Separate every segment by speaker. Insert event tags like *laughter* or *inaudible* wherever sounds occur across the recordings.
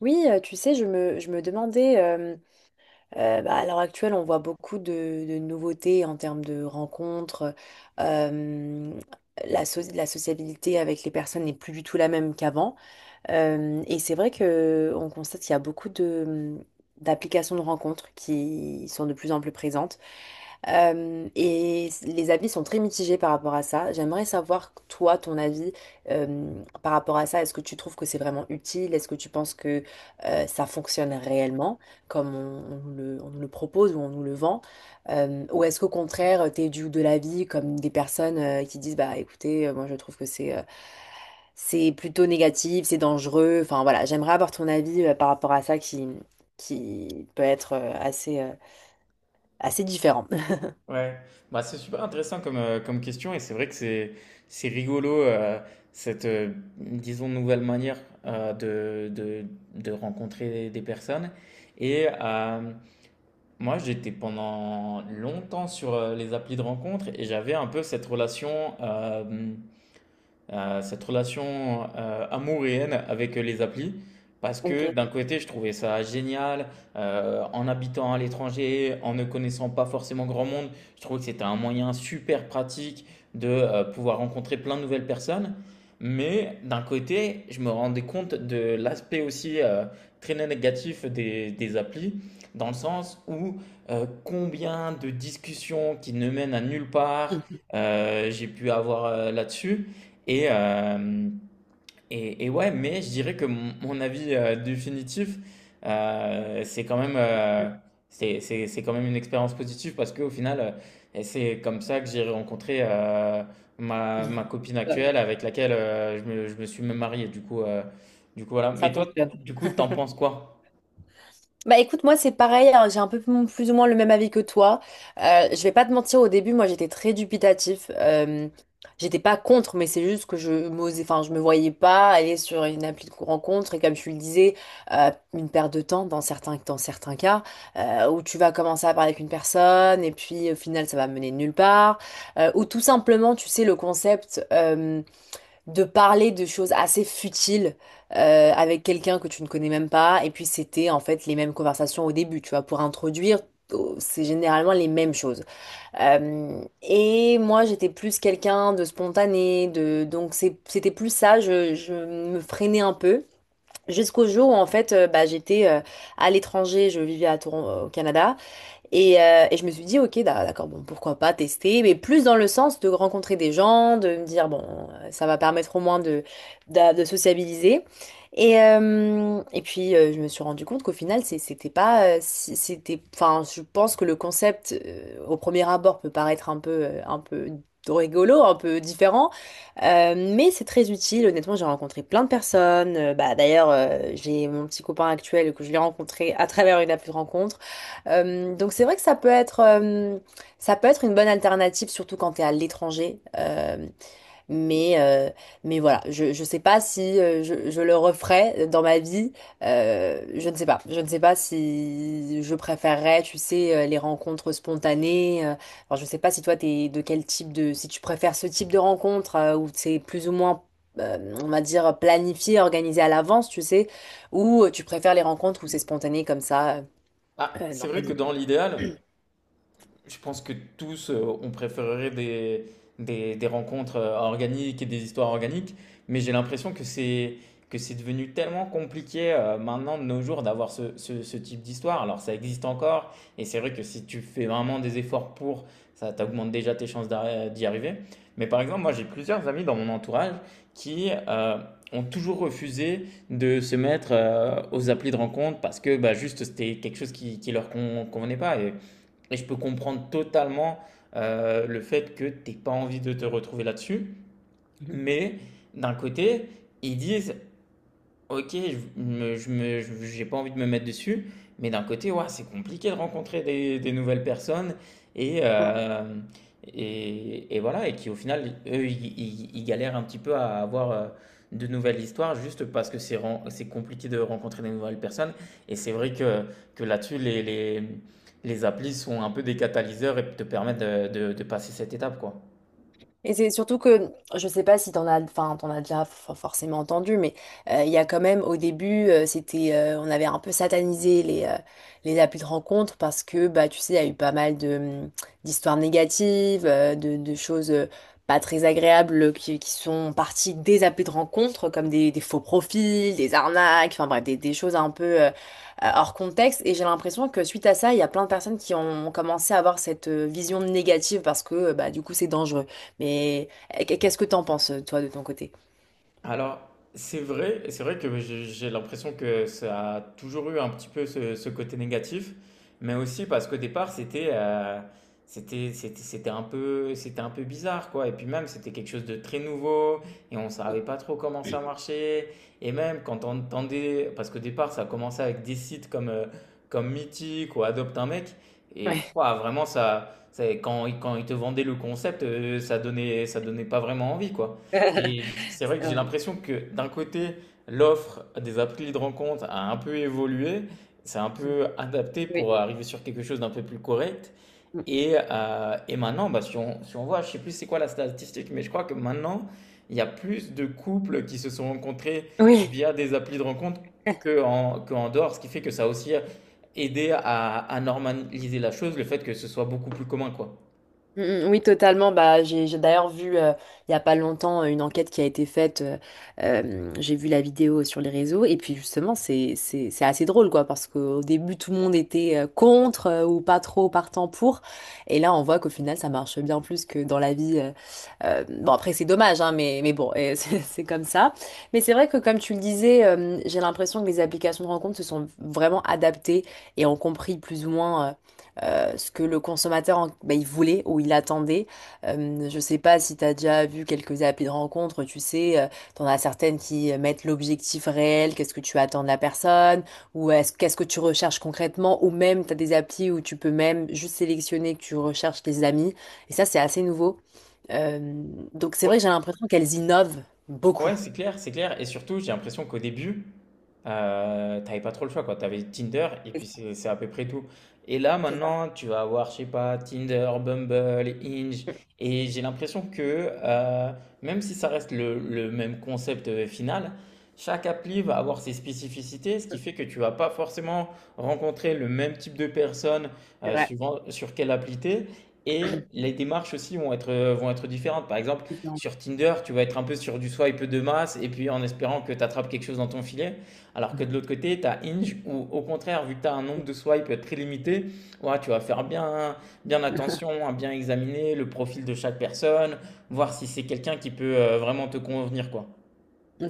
Speaker 1: Oui, tu sais, je me demandais, bah, à l'heure actuelle, on voit beaucoup de nouveautés en termes de rencontres. euh, la sociabilité avec les personnes n'est plus du tout la même qu'avant. Et c'est vrai que on constate qu'il y a beaucoup de d'applications de rencontres qui sont de plus en plus présentes. Et les avis sont très mitigés par rapport à ça. J'aimerais savoir, toi, ton avis euh, par rapport à ça. Est-ce que tu trouves que c'est vraiment utile? Est-ce que tu penses que ça fonctionne réellement, comme on nous le propose ou on nous le vend? Ou est-ce qu'au contraire, tu es du de l'avis comme des personnes qui disent, bah écoutez, moi je trouve que c'est plutôt négatif, c'est dangereux. Enfin voilà, j'aimerais avoir ton avis par rapport à ça qui peut être assez différent. *laughs*
Speaker 2: Ouais, bah, c'est super intéressant comme, comme question. Et c'est vrai que c'est rigolo, cette disons nouvelle manière euh, de, de, de rencontrer des personnes. Et moi j'étais pendant longtemps sur les applis de rencontre et j'avais un peu cette relation, amour et haine avec les applis. Parce
Speaker 1: Ok.
Speaker 2: que d'un côté, je trouvais ça génial, en habitant à l'étranger, en ne connaissant pas forcément grand monde, je trouvais que c'était un moyen super pratique de pouvoir rencontrer plein de nouvelles personnes. Mais d'un côté, je me rendais compte de l'aspect aussi, très négatif des applis, dans le sens où combien de discussions qui ne mènent à nulle part j'ai pu avoir là-dessus. Et, euh, et ouais, mais je dirais que mon avis, définitif, c'est quand même, c'est quand même une expérience positive parce qu'au final, et c'est comme ça que j'ai rencontré ma
Speaker 1: *laughs*
Speaker 2: copine actuelle avec laquelle je me suis même marié. Du coup, voilà.
Speaker 1: Ça
Speaker 2: Mais toi,
Speaker 1: fonctionne.
Speaker 2: du coup, t'en penses quoi?
Speaker 1: Bah écoute, moi c'est pareil, hein, j'ai un peu plus ou moins le même avis que toi. Je vais pas te mentir, au début, moi j'étais très dubitatif. J'étais pas contre, mais c'est juste que je m'osais, enfin je me voyais pas aller sur une appli de rencontre et comme tu le disais, une perte de temps dans certains cas où tu vas commencer à parler avec une personne et puis au final ça va mener nulle part. Ou tout simplement, tu sais, le concept. De parler de choses assez futiles avec quelqu'un que tu ne connais même pas. Et puis c'était en fait les mêmes conversations au début, tu vois, pour introduire. Oh, c'est généralement les mêmes choses. Et moi, j'étais plus quelqu'un de spontané, de donc c'était plus ça. Je me freinais un peu jusqu'au jour où en fait, bah, j'étais à l'étranger. Je vivais à au Canada et je me suis dit, ok, d'accord, bon, pourquoi pas tester, mais plus dans le sens de rencontrer des gens, de me dire, bon, ça va permettre au moins de, sociabiliser. Et puis, je me suis rendu compte qu'au final, c'était pas, c'était, enfin, je pense que le concept, au premier abord, peut paraître un peu rigolo, un peu différent, mais c'est très utile. Honnêtement, j'ai rencontré plein de personnes. Bah, d'ailleurs, j'ai mon petit copain actuel que je l'ai rencontré à travers une appli de rencontre. Donc c'est vrai que ça peut être une bonne alternative, surtout quand tu es à l'étranger. Mais, euh, mais voilà, je sais pas si je le referais dans ma vie. Je ne sais pas. Je ne sais pas si je préférerais, tu sais, les rencontres spontanées. Alors je sais pas si toi, t'es de quel type de. Si tu préfères ce type de rencontre où c'est plus ou moins. On va dire planifié, organisé à l'avance, tu sais, ou tu préfères les rencontres où c'est spontané comme ça
Speaker 2: Ah,
Speaker 1: dans
Speaker 2: c'est
Speaker 1: la
Speaker 2: vrai que dans l'idéal, je pense que tous, on préférerait des rencontres organiques et des histoires organiques, mais j'ai l'impression que c'est devenu tellement compliqué maintenant de nos jours d'avoir ce type d'histoire. Alors ça existe encore, et c'est vrai que si tu fais vraiment des efforts pour, ça t'augmente déjà tes chances d'y arriver. Mais par exemple, moi j'ai plusieurs amis dans mon entourage qui ont toujours refusé de se mettre aux applis de rencontre parce que bah, juste c'était quelque chose qui leur con- convenait pas. Et je peux comprendre totalement le fait que t'aies pas envie de te retrouver là-dessus.
Speaker 1: vie.
Speaker 2: Mais d'un côté, ils disent OK, je me je me je j'ai pas envie de me mettre dessus, mais d'un côté, ouah, c'est compliqué de rencontrer des nouvelles personnes et
Speaker 1: Hein.
Speaker 2: hem et voilà. Et qui au final, eux, ils galèrent un petit peu à avoir, de nouvelles histoires juste parce que c'est compliqué de rencontrer des nouvelles personnes. Et c'est vrai que là-dessus, les applis sont un peu des catalyseurs et te permettent de passer cette étape, quoi.
Speaker 1: Et c'est surtout que, je sais pas si t'en as, enfin, t'en as déjà forcément entendu, mais il y a quand même, au début, c'était, on avait un peu satanisé les applis de rencontre parce que, bah, tu sais, il y a eu pas mal d'histoires négatives, de choses pas très agréables qui sont parties des applis de rencontre, comme des faux profils, des arnaques, enfin bref, des choses un peu hors contexte. Et j'ai l'impression que suite à ça, il y a plein de personnes qui ont commencé à avoir cette vision négative parce que, bah, du coup, c'est dangereux. Mais qu'est-ce que t'en penses, toi, de ton côté?
Speaker 2: Alors, c'est vrai que j'ai l'impression que ça a toujours eu un petit peu ce, ce côté négatif, mais aussi parce qu'au départ, c'était un peu bizarre quoi. Et puis même, c'était quelque chose de très nouveau et on savait pas trop comment ça marchait. Et même quand on entendait, parce qu'au départ, ça a commencé avec des sites comme comme Mythique ou Adopte un mec. Et
Speaker 1: Ouais,
Speaker 2: ouah, vraiment, quand ils te vendaient le concept, ça donnait pas vraiment envie quoi.
Speaker 1: *laughs*
Speaker 2: C'est vrai que
Speaker 1: c'est
Speaker 2: j'ai
Speaker 1: vrai.
Speaker 2: l'impression que d'un côté, l'offre des applis de rencontre a un peu évolué, s'est un
Speaker 1: *laughs*
Speaker 2: peu adapté
Speaker 1: Oui.
Speaker 2: pour arriver sur quelque chose d'un peu plus correct. Et maintenant, bah, si on voit, je sais plus c'est quoi la statistique, mais je crois que maintenant, il y a plus de couples qui se sont rencontrés
Speaker 1: Oui.
Speaker 2: via des applis de rencontre que en dehors, ce qui fait que ça a aussi aidé à normaliser la chose, le fait que ce soit beaucoup plus commun, quoi.
Speaker 1: Mm, mm, oui, totalement. Bah, j'ai d'ailleurs vu il y a pas longtemps une enquête qui a été faite. J'ai vu la vidéo sur les réseaux et puis justement c'est assez drôle quoi, parce qu'au début tout le monde était contre ou pas trop partant pour, et là on voit qu'au final ça marche bien plus que dans la vie. Bon après c'est dommage hein, mais bon *laughs* c'est comme ça. Mais c'est vrai que comme tu le disais, j'ai l'impression que les applications de rencontres se sont vraiment adaptées et ont compris plus ou moins. Ce que le consommateur bah, il voulait ou il attendait. Je sais pas si tu as déjà vu quelques applis de rencontre, tu sais, t'en as certaines qui mettent l'objectif réel, qu'est-ce que tu attends de la personne, ou est-ce que tu recherches concrètement, ou même tu as des applis où tu peux même juste sélectionner que tu recherches tes amis. Et ça, c'est assez nouveau. Euh, donc c'est
Speaker 2: Ouais,
Speaker 1: vrai que j'ai l'impression qu'elles innovent beaucoup.
Speaker 2: ouais, c'est clair, c'est clair. Et surtout, j'ai l'impression qu'au début, t'avais pas trop le choix, quoi. T'avais Tinder et
Speaker 1: C'est
Speaker 2: puis
Speaker 1: ça.
Speaker 2: c'est à peu près tout. Et là,
Speaker 1: C'est ça.
Speaker 2: maintenant, tu vas avoir, je sais pas, Tinder, Bumble, Hinge.
Speaker 1: Mm,
Speaker 2: Et j'ai l'impression que, euh, même si ça reste le même concept, final, chaque appli va avoir ses spécificités, ce qui
Speaker 1: mm,
Speaker 2: fait que tu vas pas forcément rencontrer le même type de personnes
Speaker 1: c'est
Speaker 2: euh,
Speaker 1: vrai.
Speaker 2: suivant sur quelle appli t'es. Et les démarches aussi vont être différentes. Par exemple,
Speaker 1: Différent.
Speaker 2: sur Tinder, tu vas être un peu sur du swipe de masse et puis en espérant que tu attrapes quelque chose dans ton filet. Alors que de l'autre côté, tu as Hinge où, au contraire, vu que tu as un nombre de
Speaker 1: *laughs*
Speaker 2: swipes très limité, ouais, tu vas faire bien attention à bien examiner le profil de chaque personne, voir si c'est quelqu'un qui peut vraiment te convenir, quoi.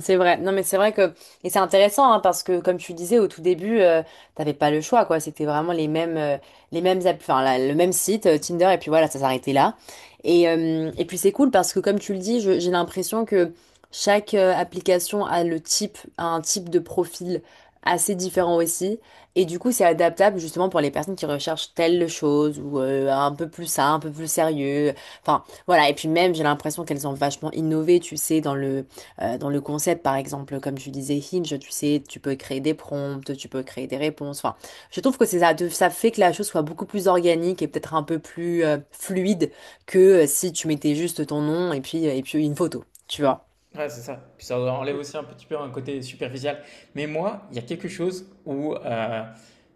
Speaker 1: C'est vrai. Non, mais c'est vrai que et c'est intéressant hein, parce que comme tu disais au tout début, t'avais pas le choix quoi. C'était vraiment les mêmes app- enfin la- le même site Tinder, et puis voilà ça s'arrêtait là. Et puis c'est cool parce que comme tu le dis, j'ai l'impression que chaque application a un type de profil assez différent aussi, et du coup c'est adaptable justement pour les personnes qui recherchent telle chose ou un peu plus ça, un peu plus sérieux. Enfin voilà, et puis même j'ai l'impression qu'elles ont vachement innové, tu sais, dans le concept, par exemple, comme tu disais, Hinge, tu sais, tu peux créer des prompts, tu peux créer des réponses. Enfin, je trouve que c'est ça, ça fait que la chose soit beaucoup plus organique et peut-être un peu plus fluide que si tu mettais juste ton nom et puis une photo, tu vois.
Speaker 2: Ouais, c'est ça. Puis ça enlève aussi un petit peu un côté superficiel. Mais moi, il y a quelque chose où euh,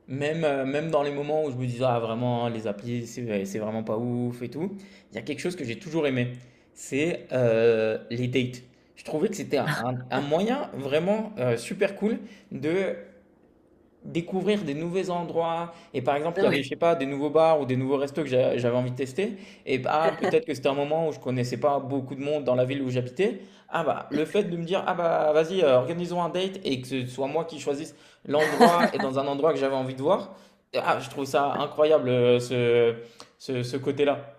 Speaker 2: Même, euh, même dans les moments où je me disais, ah vraiment, hein, les applis, c'est ouais, c'est vraiment pas ouf et tout, il y a quelque chose que j'ai toujours aimé, c'est les dates. Je trouvais que c'était un moyen vraiment super cool de découvrir des nouveaux endroits. Et par exemple,
Speaker 1: Ah
Speaker 2: il y avait, je
Speaker 1: oui.
Speaker 2: sais pas, des nouveaux bars ou des nouveaux restos que j'avais envie de tester. Et bah, peut-être que c'était un moment où je connaissais pas beaucoup de monde dans la ville où j'habitais. Ah bah, le fait de me dire, ah bah, vas-y, organisons un date et que ce soit moi qui choisisse l'endroit et dans un endroit que j'avais envie de voir. Ah, je trouve ça incroyable, ce côté-là.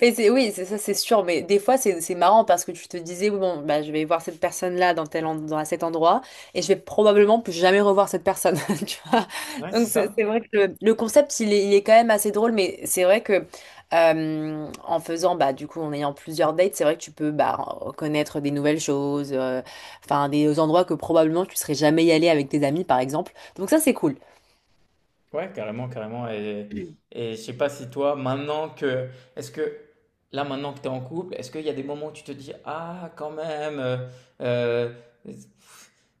Speaker 1: Mais oui, c'est ça, c'est sûr. Mais des fois, c'est marrant parce que tu te disais, oui, bon, bah, je vais voir cette personne-là dans dans cet endroit, et je vais probablement plus jamais revoir cette personne. *laughs* Tu vois.
Speaker 2: Ouais,
Speaker 1: Donc,
Speaker 2: c'est ça.
Speaker 1: c'est vrai que le concept, il est quand même assez drôle, mais c'est vrai que en faisant, bah, du coup, en ayant plusieurs dates, c'est vrai que tu peux, bah, connaître des nouvelles choses, enfin, des endroits que probablement tu serais jamais y allé avec tes amis, par exemple. Donc, ça, c'est cool.
Speaker 2: Ouais, carrément, carrément. Et je sais pas si toi, maintenant que, est-ce que, là, maintenant que tu es en couple, est-ce qu'il y a des moments où tu te dis, ah, quand même, euh,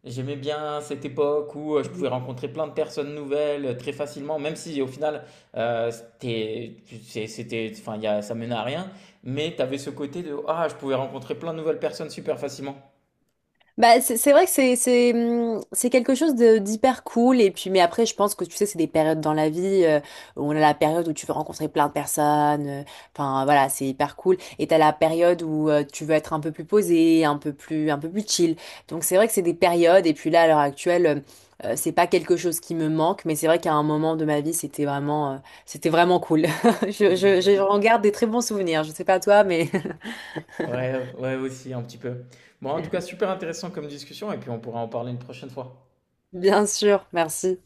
Speaker 2: j'aimais bien cette époque où je pouvais rencontrer plein de personnes nouvelles très facilement, même si au final, euh, c'était, c'était, enfin, ça menait à rien, mais tu avais ce côté de, ah, je pouvais rencontrer plein de nouvelles personnes super facilement.
Speaker 1: Bah, c'est vrai que c'est quelque chose de d'hyper cool, et puis mais après je pense que tu sais, c'est des périodes dans la vie, où on a la période où tu veux rencontrer plein de personnes, enfin voilà c'est hyper cool, et t'as la période où tu veux être un peu plus posé, un peu plus chill. Donc c'est vrai que c'est des périodes, et puis là à l'heure actuelle c'est pas quelque chose qui me manque, mais c'est vrai qu'à un moment de ma vie c'était vraiment cool. *laughs* J'en garde des très bons souvenirs. Je sais pas toi, mais...
Speaker 2: Ouais, ouais, aussi, un petit peu. Bon, en tout cas, super intéressant comme discussion, et puis on pourra en parler une prochaine fois.
Speaker 1: *laughs* Bien sûr, merci.